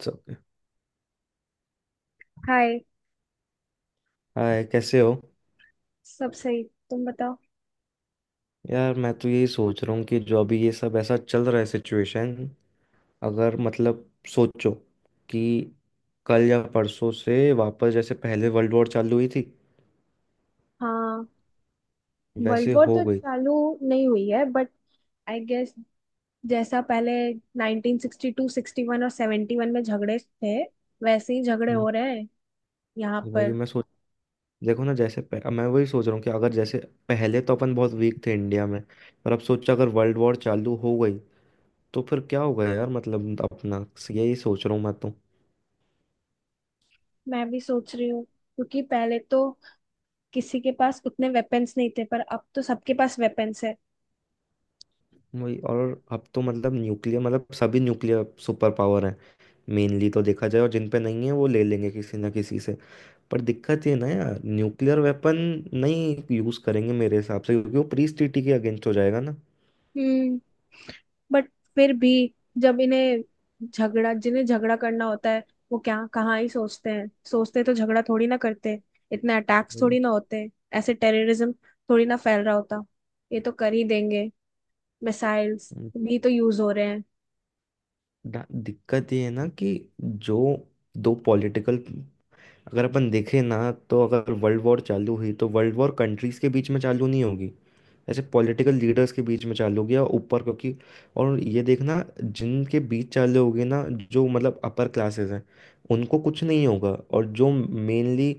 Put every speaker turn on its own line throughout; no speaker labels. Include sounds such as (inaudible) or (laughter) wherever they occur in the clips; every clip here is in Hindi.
सब।
हाय।
हाय कैसे हो।
सब सही। तुम बताओ।
यार मैं तो यही सोच रहा हूँ कि जो अभी ये सब ऐसा चल रहा है सिचुएशन। अगर मतलब सोचो कि कल या परसों से वापस जैसे पहले वर्ल्ड वॉर चालू हुई थी
हाँ, वर्ल्ड
वैसे
वॉर
हो
तो
गई।
चालू नहीं हुई है, बट आई गेस जैसा पहले 1962, 61 और 71 में झगड़े थे, वैसे ही झगड़े
हम्म।
हो रहे हैं यहाँ
वही
पर।
मैं सोच, देखो ना जैसे मैं वही सोच रहा हूँ कि अगर जैसे पहले तो अपन बहुत वीक थे इंडिया में, पर अब सोचो अगर वर्ल्ड वॉर चालू हो गई तो फिर क्या होगा यार मतलब अपना। यही सोच रहा हूँ मैं तो।
मैं भी सोच रही हूँ, क्योंकि पहले तो किसी के पास उतने वेपन्स नहीं थे, पर अब तो सबके पास वेपन्स है।
वही, और अब तो मतलब न्यूक्लियर, मतलब सभी न्यूक्लियर सुपर पावर हैं मेनली, तो देखा जाए। और जिन पे नहीं है वो ले लेंगे किसी ना किसी से। पर दिक्कत ये ना यार, न्यूक्लियर वेपन नहीं यूज करेंगे मेरे हिसाब से, क्योंकि वो प्री ट्रीटी के अगेंस्ट हो जाएगा ना।
हम्म। बट फिर भी जब इन्हें झगड़ा, जिन्हें झगड़ा करना होता है वो क्या कहाँ ही सोचते हैं? सोचते तो झगड़ा थोड़ी ना करते। इतने अटैक्स थोड़ी
वही।
ना होते, ऐसे टेररिज्म थोड़ी ना फैल रहा होता। ये तो कर ही देंगे। मिसाइल्स
उम,
भी तो यूज हो रहे हैं।
दिक्कत ये है ना कि जो दो पॉलिटिकल, अगर अपन देखें ना, तो अगर वर्ल्ड वॉर चालू हुई तो वर्ल्ड वॉर कंट्रीज के बीच में चालू नहीं होगी, ऐसे पॉलिटिकल लीडर्स के बीच में चालू हो गया ऊपर। क्योंकि और ये देखना जिनके बीच चालू हो गए ना, जो मतलब अपर क्लासेस हैं, उनको कुछ नहीं होगा। और जो मेनली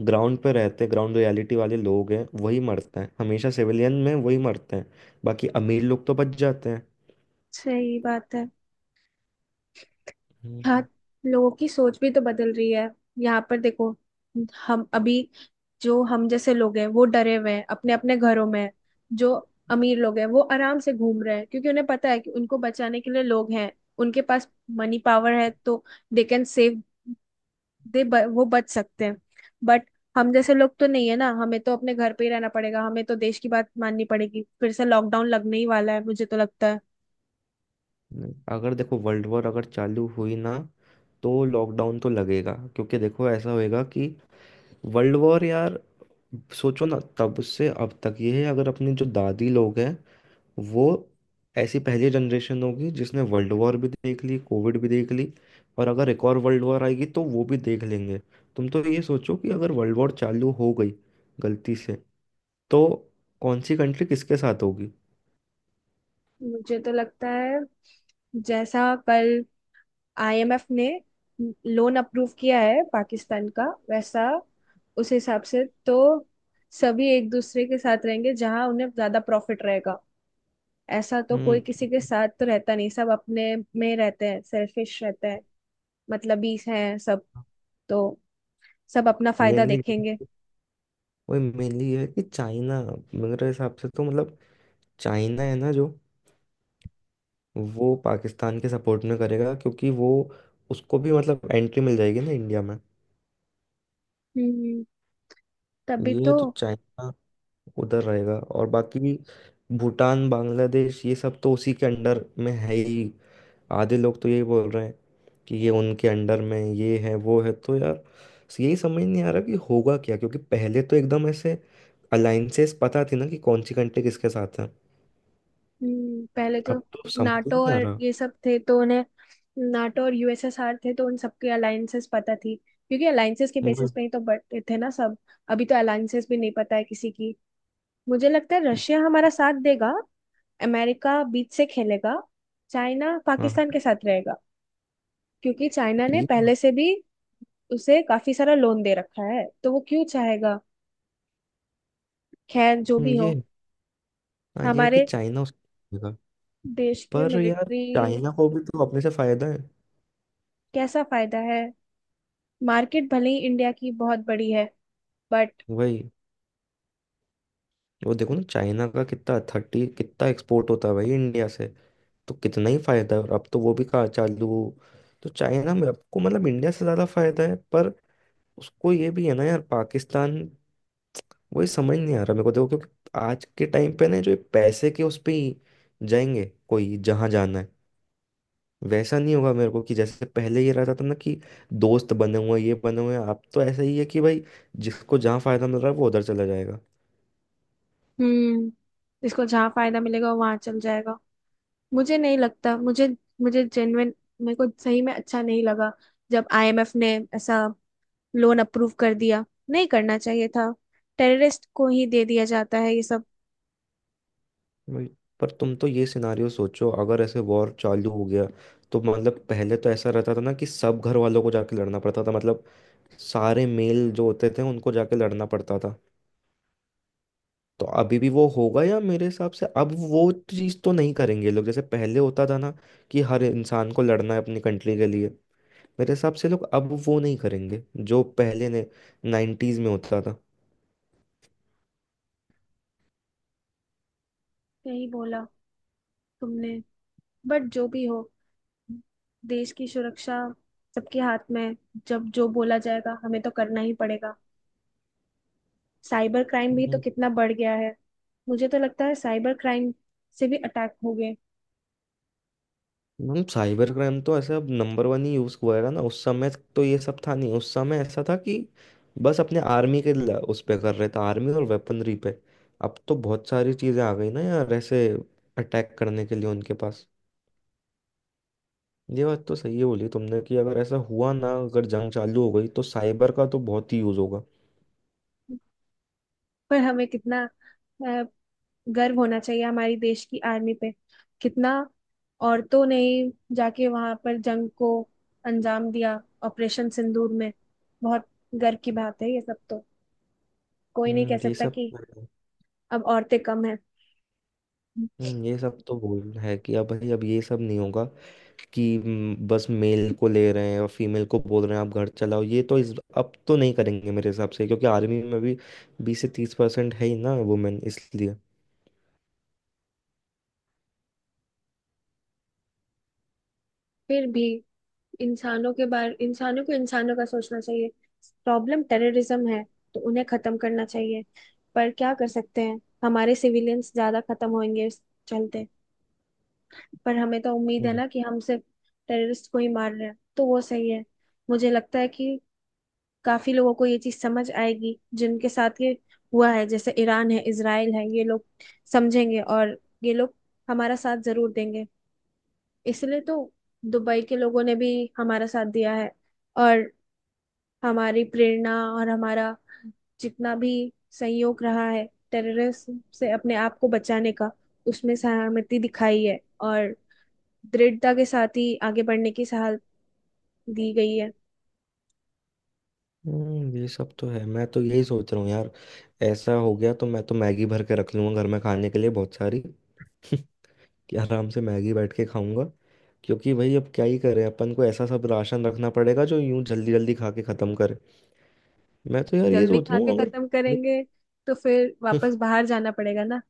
ग्राउंड पे रहते हैं, ग्राउंड रियलिटी वाले लोग हैं, वही मरते हैं हमेशा। सिविलियन में वही मरते हैं, बाकी अमीर लोग तो बच जाते हैं।
सही बात है। हाँ,
हम्म।
लोगों की सोच भी तो बदल रही है। यहाँ पर देखो, हम अभी, जो हम जैसे लोग हैं वो डरे हुए हैं, अपने अपने घरों में हैं। जो अमीर लोग हैं वो आराम से घूम रहे हैं, क्योंकि उन्हें पता है कि उनको बचाने के लिए लोग हैं उनके पास, मनी पावर है, तो दे कैन सेव दे, वो बच सकते हैं। बट हम जैसे लोग तो नहीं है ना, हमें तो अपने घर पे ही रहना पड़ेगा, हमें तो देश की बात माननी पड़ेगी। फिर से लॉकडाउन लगने ही वाला है मुझे तो लगता है।
नहीं, अगर देखो वर्ल्ड वॉर अगर चालू हुई ना, तो लॉकडाउन तो लगेगा। क्योंकि देखो, ऐसा होएगा कि वर्ल्ड वॉर यार, सोचो ना तब से अब तक ये है। अगर अपने जो दादी लोग हैं, वो ऐसी पहली जनरेशन होगी जिसने वर्ल्ड वॉर भी देख ली, कोविड भी देख ली, और अगर एक और वर्ल्ड वॉर आएगी तो वो भी देख लेंगे। तुम तो ये सोचो कि अगर वर्ल्ड वॉर चालू हो गई गलती से, तो कौन सी कंट्री किसके साथ होगी।
मुझे तो लगता है जैसा कल आईएमएफ ने लोन अप्रूव किया है पाकिस्तान का, वैसा उस हिसाब से तो सभी एक दूसरे के साथ रहेंगे जहां उन्हें ज्यादा प्रॉफिट रहेगा। ऐसा तो कोई किसी के
हम्म।
साथ तो रहता नहीं, सब अपने में रहते हैं, सेल्फिश रहते हैं। मतलब 20 हैं सब, तो सब अपना फायदा
मेनली,
देखेंगे।
वही मेनली ये है कि चाइना, मेरे हिसाब से तो मतलब चाइना है ना जो, वो पाकिस्तान के सपोर्ट में करेगा, क्योंकि वो, उसको भी मतलब एंट्री मिल जाएगी ना इंडिया में।
हम्म, तभी
ये
तो।
तो चाइना उधर रहेगा, और बाकी भूटान, बांग्लादेश ये सब तो उसी के अंडर में है ही। आधे लोग तो यही बोल रहे हैं कि ये उनके अंडर में, ये है वो है, तो यार यही समझ नहीं आ रहा कि होगा क्या। क्योंकि पहले तो एकदम ऐसे अलाइंसेस पता थी ना कि कौन सी कंट्री किसके साथ है,
पहले तो
अब तो समझ ही
नाटो
नहीं आ
और
रहा।
ये सब थे तो उन्हें, नाटो और यूएसएसआर थे तो उन सबके अलायंसेस पता थी, क्योंकि अलायंसेस के बेसिस
वही-
पे ही तो बटे थे ना सब। अभी तो अलायंसेस भी नहीं पता है किसी की। मुझे लगता है रशिया हमारा साथ देगा, अमेरिका बीच से खेलेगा, चाइना पाकिस्तान
हाँ,
के साथ रहेगा, क्योंकि चाइना ने
ये
पहले से भी उसे काफी सारा लोन दे रखा है, तो वो क्यों चाहेगा। खैर जो भी हो,
ये हाँ, ये है कि
हमारे
चाइना उसको देगा।
देश के
पर यार
मिलिट्री।
चाइना को भी तो अपने से फायदा है।
कैसा फायदा है? मार्केट भले ही इंडिया की बहुत बड़ी है, बट।
वही, वो देखो ना चाइना का कितना थर्टी कितना एक्सपोर्ट होता है भाई इंडिया से, तो कितना ही फायदा है। और अब तो वो भी कहा चालू, तो चाइना में आपको मतलब इंडिया से ज्यादा फायदा है। पर उसको ये भी है ना यार, पाकिस्तान, वही समझ नहीं आ रहा मेरे को देखो। क्योंकि आज के टाइम पे ना, जो ये पैसे के उस पे ही जाएंगे, कोई जहां जाना है वैसा नहीं होगा। मेरे को कि जैसे पहले ये रहता था ना कि दोस्त बने हुए हैं, ये बने हुए हैं। अब तो ऐसा ही है कि भाई जिसको जहाँ फायदा मिल रहा है, वो उधर चला जाएगा।
हम्म। इसको जहाँ फायदा मिलेगा वो वहां चल जाएगा। मुझे नहीं लगता। मुझे मुझे जेन्युइन, मेरे को सही में अच्छा नहीं लगा जब आईएमएफ ने ऐसा लोन अप्रूव कर दिया। नहीं करना चाहिए था, टेररिस्ट को ही दे दिया जाता है ये सब।
वही। पर तुम तो ये सिनारियो सोचो, अगर ऐसे वॉर चालू हो गया, तो मतलब पहले तो ऐसा रहता था ना कि सब घर वालों को जाके लड़ना पड़ता था, मतलब सारे मेल जो होते थे उनको जाके लड़ना पड़ता था। तो अभी भी वो होगा, या मेरे हिसाब से अब वो चीज़ तो नहीं करेंगे ये लोग, जैसे पहले होता था ना कि हर इंसान को लड़ना है अपनी कंट्री के लिए। मेरे हिसाब से लोग अब वो नहीं करेंगे, जो पहले ने नाइन्टीज में होता
नहीं बोला तुमने। बट जो भी हो, देश की सुरक्षा सबके हाथ में है। जब जो बोला जाएगा हमें तो करना ही पड़ेगा। साइबर क्राइम भी तो
था।
कितना बढ़ गया है। मुझे तो लगता है साइबर क्राइम से भी अटैक हो गए।
मैम, साइबर क्राइम तो ऐसा अब नंबर वन ही यूज हुआ है ना। उस समय तो ये सब था नहीं। उस समय ऐसा था कि बस अपने आर्मी के उस पे कर रहे थे, आर्मी और वेपनरी पे। अब तो बहुत सारी चीजें आ गई ना यार, ऐसे अटैक करने के लिए उनके पास। ये बात तो सही है बोली तुमने कि अगर ऐसा हुआ ना, अगर जंग चालू हो गई, तो साइबर का तो बहुत ही यूज होगा।
पर हमें कितना अ, गर्व होना चाहिए हमारी देश की आर्मी पे। कितना औरतों ने ही जाके वहां पर जंग को अंजाम दिया ऑपरेशन सिंदूर में। बहुत गर्व की बात है ये सब तो। कोई नहीं कह
हम्म, ये
सकता
सब।
कि अब औरतें कम है।
ये सब तो भूल है कि अब भाई अब ये सब नहीं होगा कि बस मेल को ले रहे हैं और फीमेल को बोल रहे हैं आप घर चलाओ। ये तो इस, अब तो नहीं करेंगे मेरे हिसाब से, क्योंकि आर्मी में भी 20 से 30% है ही ना वुमेन, इसलिए।
फिर भी इंसानों के बारे, इंसानों को इंसानों का सोचना चाहिए। प्रॉब्लम टेररिज्म है, तो उन्हें खत्म करना चाहिए। पर क्या कर सकते हैं, हमारे सिविलियंस ज्यादा खत्म होंगे इस चलते। पर हमें तो उम्मीद है
हम्म।
ना कि हम सिर्फ टेररिस्ट को ही मार रहे हैं, तो वो सही है। मुझे लगता है कि काफी लोगों को ये चीज समझ आएगी, जिनके साथ ये हुआ है, जैसे ईरान है, इसराइल है, ये लोग समझेंगे और ये लोग हमारा साथ जरूर देंगे। इसलिए तो दुबई के लोगों ने भी हमारा साथ दिया है, और हमारी प्रेरणा और हमारा जितना भी संयोग रहा है टेररिस्ट से अपने आप को बचाने का, उसमें सहमति दिखाई है और दृढ़ता के साथ ही आगे बढ़ने की सलाह दी गई है।
ये सब तो है। मैं तो यही सोच रहा हूँ यार, ऐसा हो गया तो मैं तो मैगी भर के रख लूंगा घर में खाने के लिए, बहुत सारी। (laughs) कि आराम से मैगी बैठ के खाऊंगा। क्योंकि भाई अब क्या ही करें, अपन को ऐसा सब राशन रखना पड़ेगा जो यूं जल्दी जल्दी खा के खत्म करे। मैं तो यार ये
जल्दी
सोच
खा
रहा हूँ
के
अगर,
खत्म करेंगे तो फिर वापस
(laughs)
बाहर जाना पड़ेगा ना।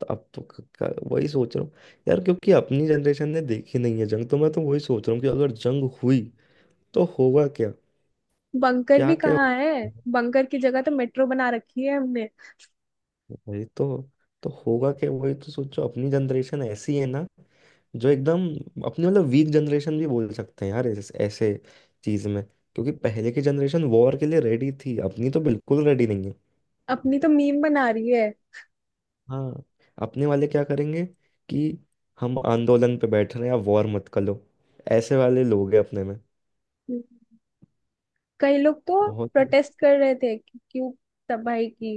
तो अब तो वही सोच रहा हूँ यार, क्योंकि अपनी जनरेशन ने देखी नहीं है जंग, तो मैं तो वही सोच रहा हूँ कि अगर जंग हुई तो होगा क्या।
बंकर
क्या
भी
क्या।
कहाँ है?
(laughs)
बंकर की जगह तो मेट्रो बना रखी है हमने।
वही तो होगा क्या। वही तो सोचो, अपनी जनरेशन ऐसी है ना जो एकदम अपनी मतलब वीक जनरेशन भी बोल सकते हैं यार, ऐसे चीज में, क्योंकि पहले की जनरेशन वॉर के लिए रेडी थी, अपनी तो बिल्कुल रेडी नहीं है।
अपनी तो मीम बना रही है।
हाँ, अपने वाले क्या करेंगे कि हम आंदोलन पे बैठ रहे हैं आप वॉर मत करो, ऐसे वाले लोग हैं अपने में।
कई लोग तो
बहुत।
प्रोटेस्ट कर रहे थे कि क्यों तबाही की।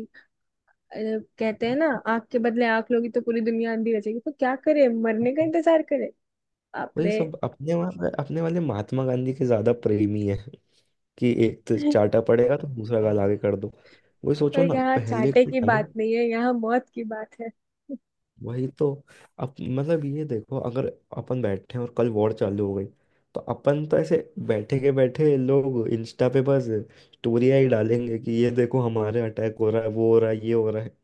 अरे, कहते हैं ना आंख के बदले आंख लोगी तो पूरी दुनिया अंधी रचेगी, तो क्या करे, मरने का इंतजार करे? बाप
वही,
रे।
सब अपने वहाँ अपने वाले महात्मा गांधी के ज्यादा प्रेमी है कि एक तो चाटा पड़ेगा तो दूसरा गाल आगे कर दो। वही
पर
सोचो ना
यहाँ
पहले
चाटे
के
की
टाइम।
बात नहीं है, यहाँ मौत की बात है।
वही तो, अब मतलब ये देखो, अगर अपन बैठे हैं और कल वॉर चालू हो गई, तो अपन तो ऐसे बैठे के बैठे लोग इंस्टा पे बस स्टोरियाँ ही डालेंगे कि ये देखो हमारे अटैक हो रहा है, वो हो रहा है, ये हो रहा है।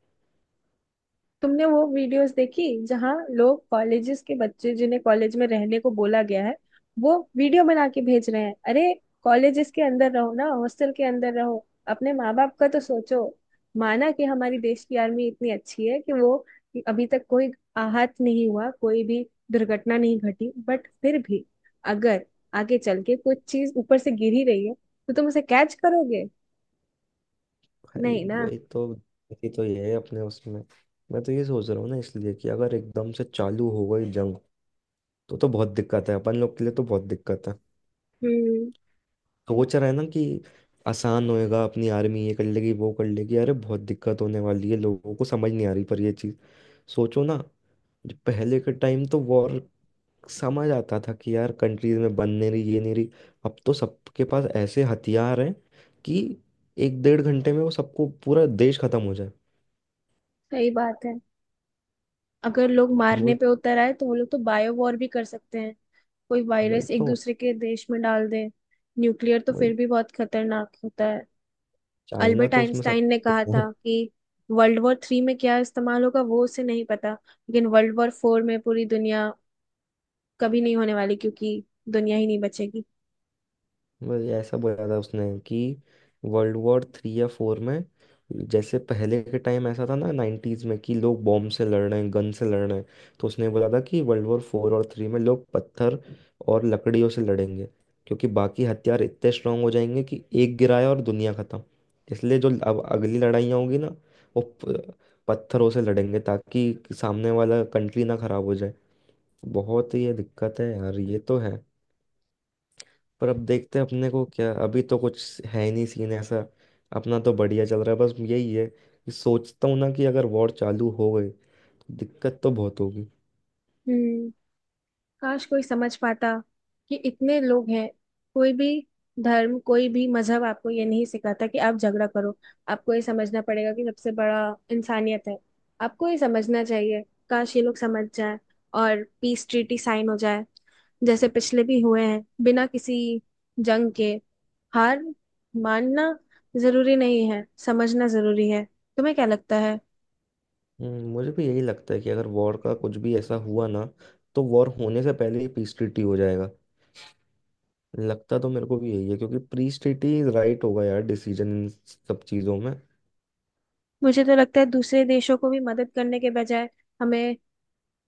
तुमने वो वीडियोस देखी जहां लोग, कॉलेजेस के बच्चे जिन्हें कॉलेज में रहने को बोला गया है वो वीडियो बना के भेज रहे हैं? अरे, कॉलेजेस के अंदर रहो ना, हॉस्टल के अंदर रहो, अपने माँ बाप का तो सोचो। माना कि हमारी देश की आर्मी इतनी अच्छी है कि वो अभी तक, कोई आहत नहीं हुआ, कोई भी दुर्घटना नहीं घटी, बट फिर भी अगर आगे चल के कुछ चीज ऊपर से गिर ही रही है तो तुम उसे कैच करोगे?
भाई
नहीं ना।
वही तो, ये तो ये है अपने उसमें। मैं तो ये सोच रहा हूँ ना इसलिए कि अगर एकदम से चालू हो गई जंग, तो बहुत दिक्कत है अपन लोग के लिए, तो बहुत दिक्कत है।
हम्म,
सोच रहे हैं ना कि आसान होएगा, अपनी आर्मी ये कर लेगी वो कर लेगी, अरे बहुत दिक्कत होने वाली है, लोगों को समझ नहीं आ रही पर ये चीज़। सोचो ना, जो पहले के टाइम तो वॉर समझ आता था कि यार कंट्रीज में बन नहीं रही, ये नहीं रही। अब तो सबके पास ऐसे हथियार हैं कि एक डेढ़ घंटे में वो सबको, पूरा देश खत्म हो जाए।
सही बात है। अगर लोग मारने
वो,
पे उतर आए तो वो लोग तो बायो वॉर भी कर सकते हैं, कोई
वही
वायरस एक
तो।
दूसरे के देश में डाल दे। न्यूक्लियर तो
वही
फिर भी बहुत खतरनाक होता है।
चाइना
अल्बर्ट
तो उसमें सब।
आइंस्टाइन ने कहा था
(laughs)
कि वर्ल्ड वॉर थ्री में क्या इस्तेमाल होगा वो उसे नहीं पता, लेकिन वर्ल्ड वॉर फोर में पूरी दुनिया कभी नहीं होने वाली, क्योंकि दुनिया ही नहीं बचेगी।
बस ऐसा बोला था उसने कि वर्ल्ड वॉर थ्री या फोर में, जैसे पहले के टाइम ऐसा था ना नाइन्टीज में कि लोग बॉम्ब से लड़ रहे हैं गन से लड़ रहे हैं, तो उसने बोला था कि वर्ल्ड वॉर फोर और थ्री में लोग पत्थर और लकड़ियों से लड़ेंगे, क्योंकि बाकी हथियार इतने स्ट्रांग हो जाएंगे कि एक गिराया और दुनिया खत्म। इसलिए जो अब अगली लड़ाइयाँ होंगी ना, वो पत्थरों से लड़ेंगे ताकि सामने वाला कंट्री ना खराब हो जाए। बहुत ही ये दिक्कत है यार, ये तो है। पर अब देखते हैं, अपने को क्या, अभी तो कुछ है ही नहीं सीन ऐसा। अपना तो बढ़िया चल रहा है, बस यही है कि सोचता हूँ ना कि अगर वॉर चालू हो गई तो दिक्कत तो बहुत होगी।
हम्म। काश कोई समझ पाता कि इतने लोग हैं, कोई भी धर्म, कोई भी मजहब आपको ये नहीं सिखाता कि आप झगड़ा करो। आपको ये समझना पड़ेगा कि सबसे बड़ा इंसानियत है, आपको ये समझना चाहिए। काश ये लोग समझ जाए और पीस ट्रीटी साइन हो जाए, जैसे पिछले भी हुए हैं बिना किसी जंग के। हार मानना जरूरी नहीं है, समझना जरूरी है। तुम्हें क्या लगता है?
मुझे भी यही लगता है कि अगर वॉर का कुछ भी ऐसा हुआ ना, तो वॉर होने से पहले ही पीस ट्रीटी हो जाएगा। लगता तो मेरे को भी यही है, क्योंकि पीस ट्रीटी राइट होगा यार डिसीजन इन सब चीज़ों में।
मुझे तो लगता है दूसरे देशों को भी मदद करने के बजाय हमें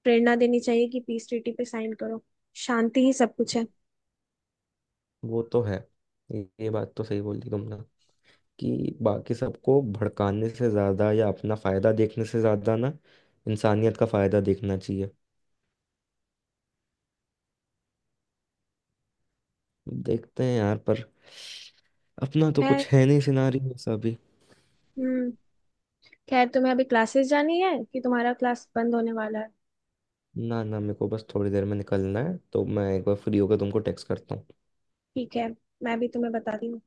प्रेरणा देनी चाहिए कि पीस ट्रीटी पे साइन करो, शांति ही सब कुछ है।
वो तो है, ये बात तो सही बोल दी तुमने, कि बाकी सबको भड़काने से ज़्यादा या अपना फ़ायदा देखने से ज़्यादा ना, इंसानियत का फ़ायदा देखना चाहिए। देखते हैं यार, पर अपना तो
खैर।
कुछ है नहीं सिनारियो ऐसा भी।
हम्म। खैर, तुम्हें अभी क्लासेस जानी है कि तुम्हारा क्लास बंद होने वाला है?
ना ना, मेरे को बस थोड़ी देर में निकलना है, तो मैं एक बार फ्री होकर तुमको टेक्स्ट करता हूँ।
ठीक है, मैं भी तुम्हें बताती हूँ।